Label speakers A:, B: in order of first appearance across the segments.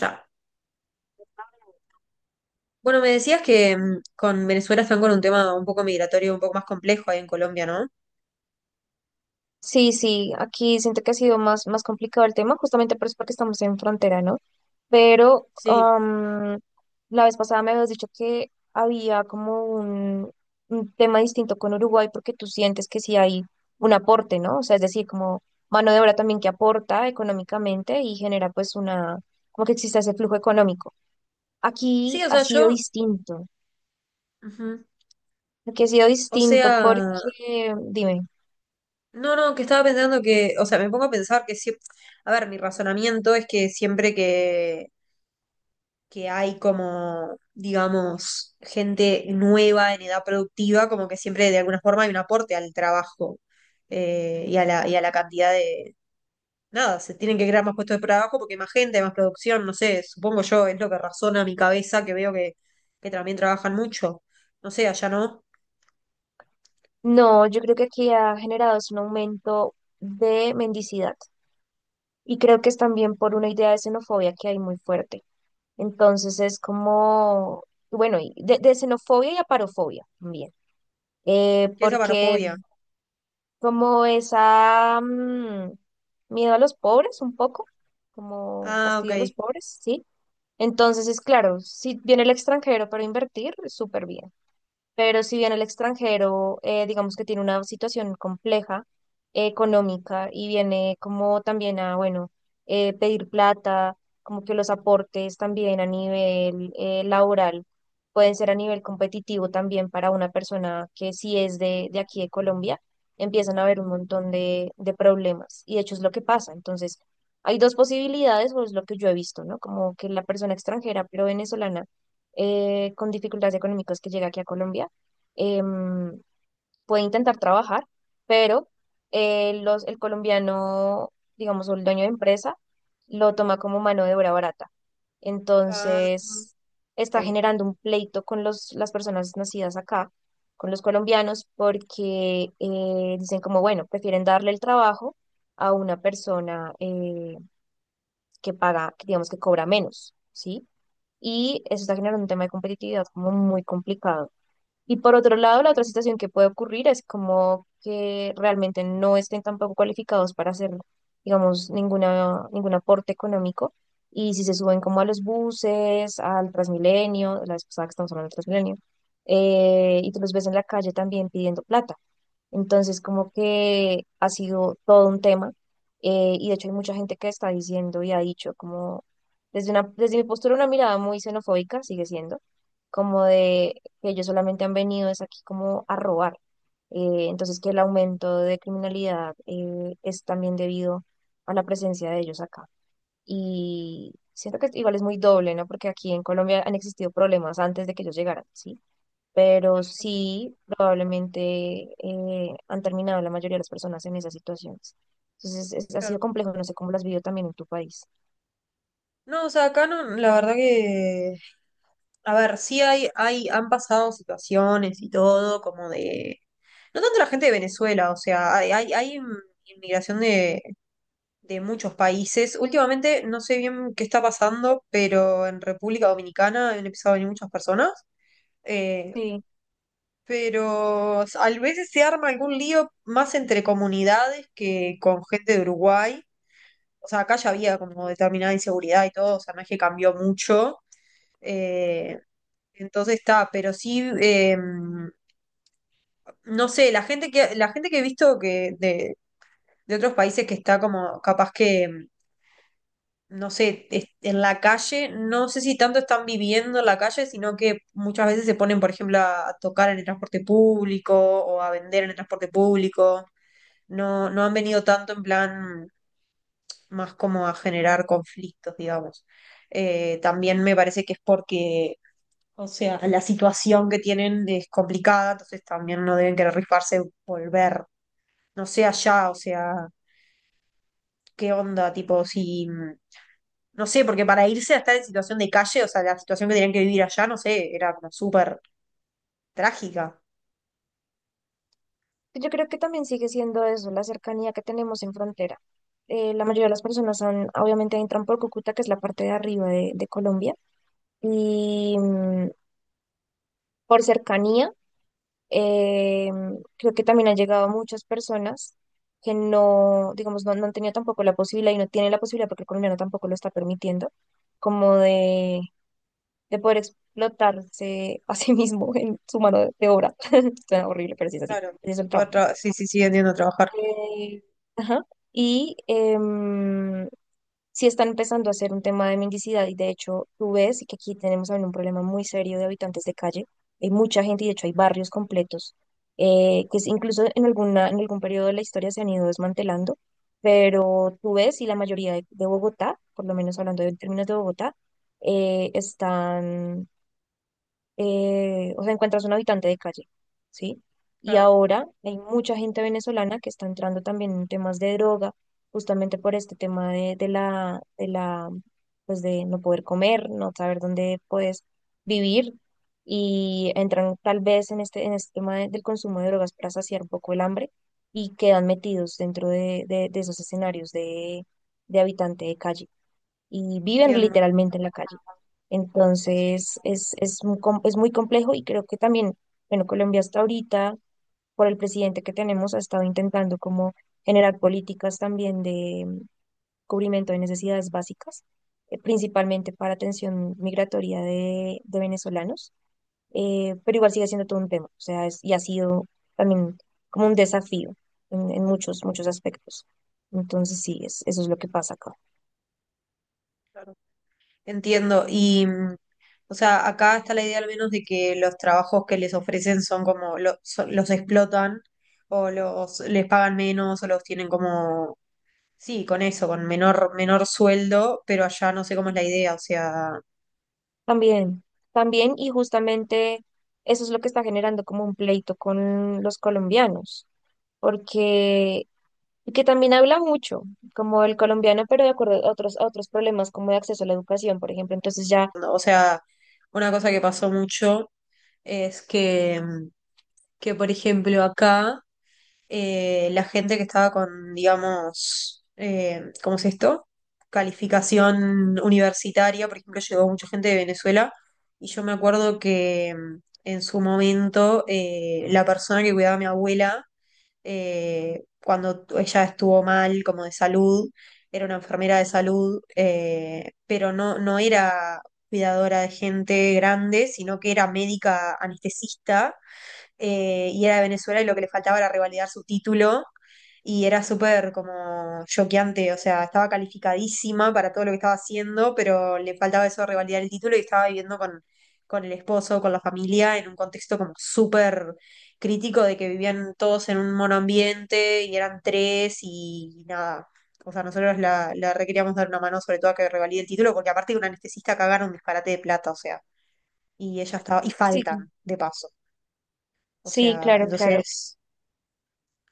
A: Ya. Bueno, me decías que con Venezuela están con un tema un poco migratorio, un poco más complejo ahí en Colombia, ¿no?
B: Sí, sí, aquí siento que ha sido más complicado el tema, justamente por eso porque estamos en frontera, ¿no? Pero
A: Sí.
B: la vez pasada me habías dicho que había como un tema distinto con Uruguay porque tú sientes que sí hay un aporte, ¿no? O sea, es decir, como mano de obra también que aporta económicamente y genera pues como que exista ese flujo económico.
A: Sí,
B: Aquí
A: o
B: ha
A: sea,
B: sido
A: yo,
B: distinto,
A: ujú.
B: aquí ha sido
A: O
B: distinto
A: sea,
B: porque, dime.
A: no, que estaba pensando que, o sea, me pongo a pensar que siempre, a ver, mi razonamiento es que siempre que hay como, digamos, gente nueva en edad productiva, como que siempre de alguna forma hay un aporte al trabajo, y a la cantidad de nada, se tienen que crear más puestos de trabajo porque hay más gente, hay más producción, no sé, supongo yo, es lo que razona mi cabeza, que veo que también trabajan mucho. No sé, allá no.
B: No, yo creo que aquí ha generado es un aumento de mendicidad y creo que es también por una idea de xenofobia que hay muy fuerte. Entonces es como, bueno, y de xenofobia y aparofobia también,
A: ¿Qué es
B: porque
A: avarofobia?
B: como esa miedo a los pobres un poco, como
A: Ah, ok.
B: fastidio a los pobres, ¿sí? Entonces es claro, si viene el extranjero para invertir, súper bien. Pero si bien el extranjero, digamos que tiene una situación compleja económica y viene como también a, bueno, pedir plata, como que los aportes también a nivel laboral pueden ser a nivel competitivo también para una persona que sí es de aquí de Colombia, empiezan a haber un montón de problemas y de hecho es lo que pasa. Entonces, hay dos posibilidades, o es lo que yo he visto, ¿no? Como que la persona extranjera, pero venezolana con dificultades económicas que llega aquí a Colombia, em, puede intentar trabajar, pero el colombiano, digamos, o el dueño de empresa, lo toma como mano de obra barata.
A: Ah,
B: Entonces, está
A: ok,
B: generando un pleito con las personas nacidas acá, con los colombianos, porque dicen como, bueno, prefieren darle el trabajo a una persona que paga, que digamos que cobra menos, ¿sí? Y eso está generando un tema de competitividad como muy complicado. Y por otro lado, la otra
A: ok,
B: situación que puede ocurrir es como que realmente no estén tampoco cualificados para hacer, digamos, ningún aporte económico. Y si se suben como a los buses, al Transmilenio, la vez pasada que estamos hablando del Transmilenio, y tú los ves en la calle también pidiendo plata, entonces, como que ha sido todo un tema. Y de hecho hay mucha gente que está diciendo y ha dicho como, desde mi postura, una mirada muy xenofóbica sigue siendo, como de que ellos solamente han venido es aquí como a robar. Entonces, que el aumento de criminalidad es también debido a la presencia de ellos acá. Y siento que igual es muy doble, ¿no? Porque aquí en Colombia han existido problemas antes de que ellos llegaran, ¿sí? Pero sí, probablemente han terminado la mayoría de las personas en esas situaciones. Entonces, ha
A: claro.
B: sido complejo, no sé cómo las vivió también en tu país.
A: No, o sea, acá no, la verdad que, a ver, sí han pasado situaciones y todo, como de, no tanto la gente de Venezuela, o sea, hay inmigración de muchos países. Últimamente no sé bien qué está pasando, pero en República Dominicana han empezado a venir muchas personas. eh,
B: Sí,
A: pero a veces se arma algún lío más entre comunidades que con gente de Uruguay. O sea, acá ya había como determinada inseguridad y todo, o sea, no es que cambió mucho. eh, entonces está, pero sí, no sé, la gente que he visto que de otros países que está como capaz que no sé, es- en la calle, no sé si tanto están viviendo en la calle, sino que muchas veces se ponen, por ejemplo, a tocar en el transporte público o a vender en el transporte público. No, no han venido tanto en plan más como a generar conflictos, digamos. También me parece que es porque, o sea, la situación que tienen es complicada, entonces también no deben querer rifarse volver. No sé allá, o sea, qué onda, tipo, si, no sé, porque para irse a estar en situación de calle, o sea, la situación que tenían que vivir allá, no sé, era como súper trágica.
B: yo creo que también sigue siendo eso, la cercanía que tenemos en frontera. La mayoría de las personas son obviamente entran por Cúcuta, que es la parte de arriba de Colombia, y por cercanía. Eh, Creo que también han llegado muchas personas que no, digamos, no han tenido tampoco la posibilidad y no tienen la posibilidad porque el colombiano tampoco lo está permitiendo, como de poder explotarse a sí mismo en su mano de obra. Suena horrible, pero sí es así.
A: Claro.
B: Ese es el
A: Poder
B: trabajo.
A: tra- sí, sí, sí, entiendo trabajar.
B: Eh, ajá. Y sí están empezando a ser un tema de mendicidad y de hecho tú ves que aquí tenemos también un problema muy serio de habitantes de calle. Hay mucha gente y de hecho hay barrios completos que incluso en en algún periodo de la historia se han ido desmantelando, pero tú ves y la mayoría de Bogotá, por lo menos hablando en términos de Bogotá, están o sea, encuentras un habitante de calle, ¿sí? Y
A: Claro.
B: ahora hay mucha gente venezolana que está entrando también en temas de droga, justamente por este tema de la, pues de no poder comer, no saber dónde puedes vivir, y entran tal vez en este tema del consumo de drogas para saciar un poco el hambre y quedan metidos dentro de esos escenarios de habitante de calle y viven
A: Entiendo,
B: literalmente en la calle.
A: sí,
B: Entonces, un es muy complejo y creo que también, bueno, Colombia hasta ahorita, por el presidente que tenemos, ha estado intentando como generar políticas también de cubrimiento de necesidades básicas, principalmente para atención migratoria de venezolanos, pero igual sigue siendo todo un tema, o sea, y ha sido también como un desafío en muchos aspectos. Entonces, sí, es, eso es lo que pasa acá.
A: claro. Entiendo. Y, o sea, acá está la idea al menos de que los trabajos que les ofrecen son como, lo- son- los explotan o los les pagan menos o los tienen como, sí, con eso, con menor sueldo, pero allá no sé cómo es la idea, o sea,
B: También, también, y justamente eso es lo que está generando como un pleito con los colombianos, porque y que también habla mucho, como el colombiano, pero de acuerdo a otros problemas como de acceso a la educación, por ejemplo. Entonces ya,
A: o sea, una cosa que pasó mucho es que por ejemplo, acá la gente que estaba con, digamos, ¿cómo es esto? Calificación universitaria, por ejemplo, llegó mucha gente de Venezuela y yo me acuerdo que en su momento la persona que cuidaba a mi abuela cuando ella estuvo mal, como de salud, era una enfermera de salud, pero no, no era cuidadora de gente grande, sino que era médica anestesista, y era de Venezuela y lo que le faltaba era revalidar su título, y era súper como choqueante, o sea, estaba calificadísima para todo lo que estaba haciendo, pero le faltaba eso de revalidar el título y estaba viviendo con el esposo, con la familia, en un contexto como súper crítico de que vivían todos en un monoambiente y eran tres y nada. O sea, nosotros la requeríamos dar una mano sobre todo a que revalide el título, porque aparte de un anestesista cagaron un disparate de plata, o sea, y ella estaba, y
B: sí,
A: faltan, de paso. O
B: sí,
A: sea,
B: claro, claro.
A: entonces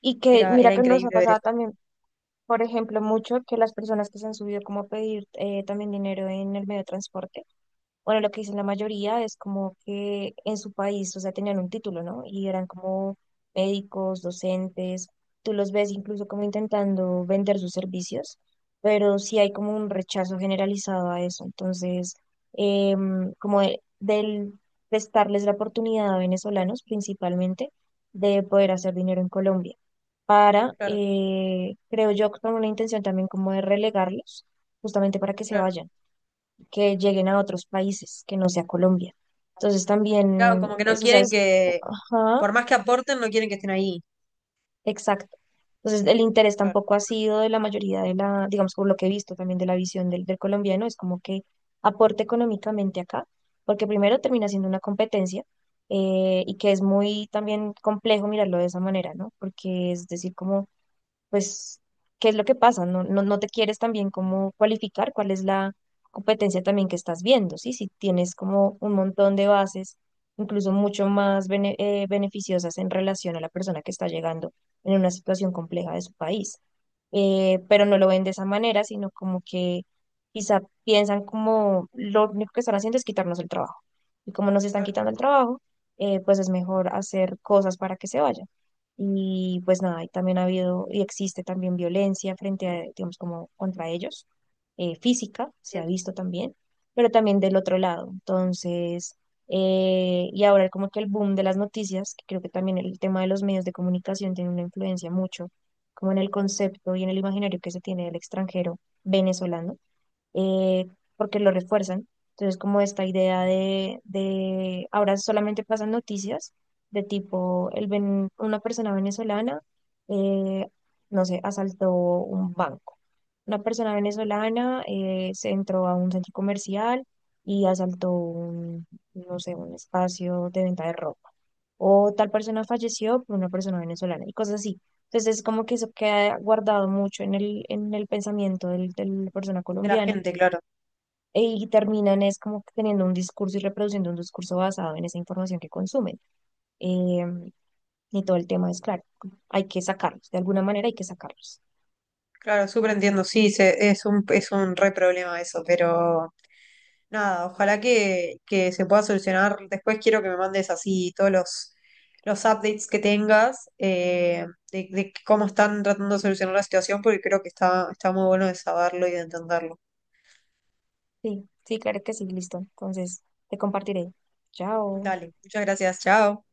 B: Y que mira
A: era
B: que nos ha
A: increíble ver
B: pasado
A: eso.
B: también, por ejemplo, mucho que las personas que se han subido como a pedir también dinero en el medio de transporte, bueno, lo que dicen la mayoría es como que en su país, o sea, tenían un título, ¿no? Y eran como médicos, docentes, tú los ves incluso como intentando vender sus servicios, pero sí hay como un rechazo generalizado a eso. Entonces, como del prestarles la oportunidad a venezolanos principalmente de poder hacer dinero en Colombia, para,
A: Claro,
B: creo yo, con una intención también como de relegarlos, justamente para que se
A: claro.
B: vayan, que lleguen a otros países, que no sea Colombia. Entonces
A: Claro,
B: también,
A: como que no
B: eso, o sea,
A: quieren
B: es,
A: que,
B: ajá,
A: por más que aporten, no quieren que estén ahí.
B: exacto. Entonces el interés
A: Claro,
B: tampoco ha sido de la mayoría de la, digamos, por lo que he visto también de la visión del colombiano, es como que aporte económicamente acá, porque primero termina siendo una competencia y que es muy también complejo mirarlo de esa manera, ¿no? Porque es decir, como pues, ¿qué es lo que pasa? No te quieres también como cualificar, cuál es la competencia también que estás viendo, ¿sí? Si tienes como un montón de bases, incluso mucho más beneficiosas en relación a la persona que está llegando en una situación compleja de su país. Pero no lo ven de esa manera, sino como que quizá piensan como lo único que están haciendo es quitarnos el trabajo. Y como nos están
A: claro.
B: quitando el trabajo, pues es mejor hacer cosas para que se vayan. Y pues nada, y también ha habido y existe también violencia frente a, digamos, como contra ellos, física, se ha
A: Entiendo.
B: visto también, pero también del otro lado. Entonces, y ahora como que el boom de las noticias, que creo que también el tema de los medios de comunicación tiene una influencia mucho, como en el concepto y en el imaginario que se tiene del extranjero venezolano eh, porque lo refuerzan. Entonces, como esta idea de ahora solamente pasan noticias de tipo, una persona venezolana, eh, no sé, asaltó un banco. Una persona venezolana se entró a un centro comercial y asaltó un, no sé, un espacio de venta de ropa. O tal persona falleció por una persona venezolana y cosas así. Entonces, es como que eso queda guardado mucho en el pensamiento de la persona
A: De la
B: colombiana
A: gente, claro.
B: y terminan es como que teniendo un discurso y reproduciendo un discurso basado en esa información que consumen. Eh, y todo el tema es claro, hay que sacarlos, de alguna manera hay que sacarlos.
A: Claro, súper entiendo. Sí, se- es un re problema eso, pero nada, ojalá que se pueda solucionar. Después quiero que me mandes así todos los updates que tengas de cómo están tratando de solucionar la situación, porque creo que está, está muy bueno de saberlo y de entenderlo.
B: Sí, sí, claro que sí, listo. Entonces, te compartiré. Chao.
A: Dale, muchas gracias, chao.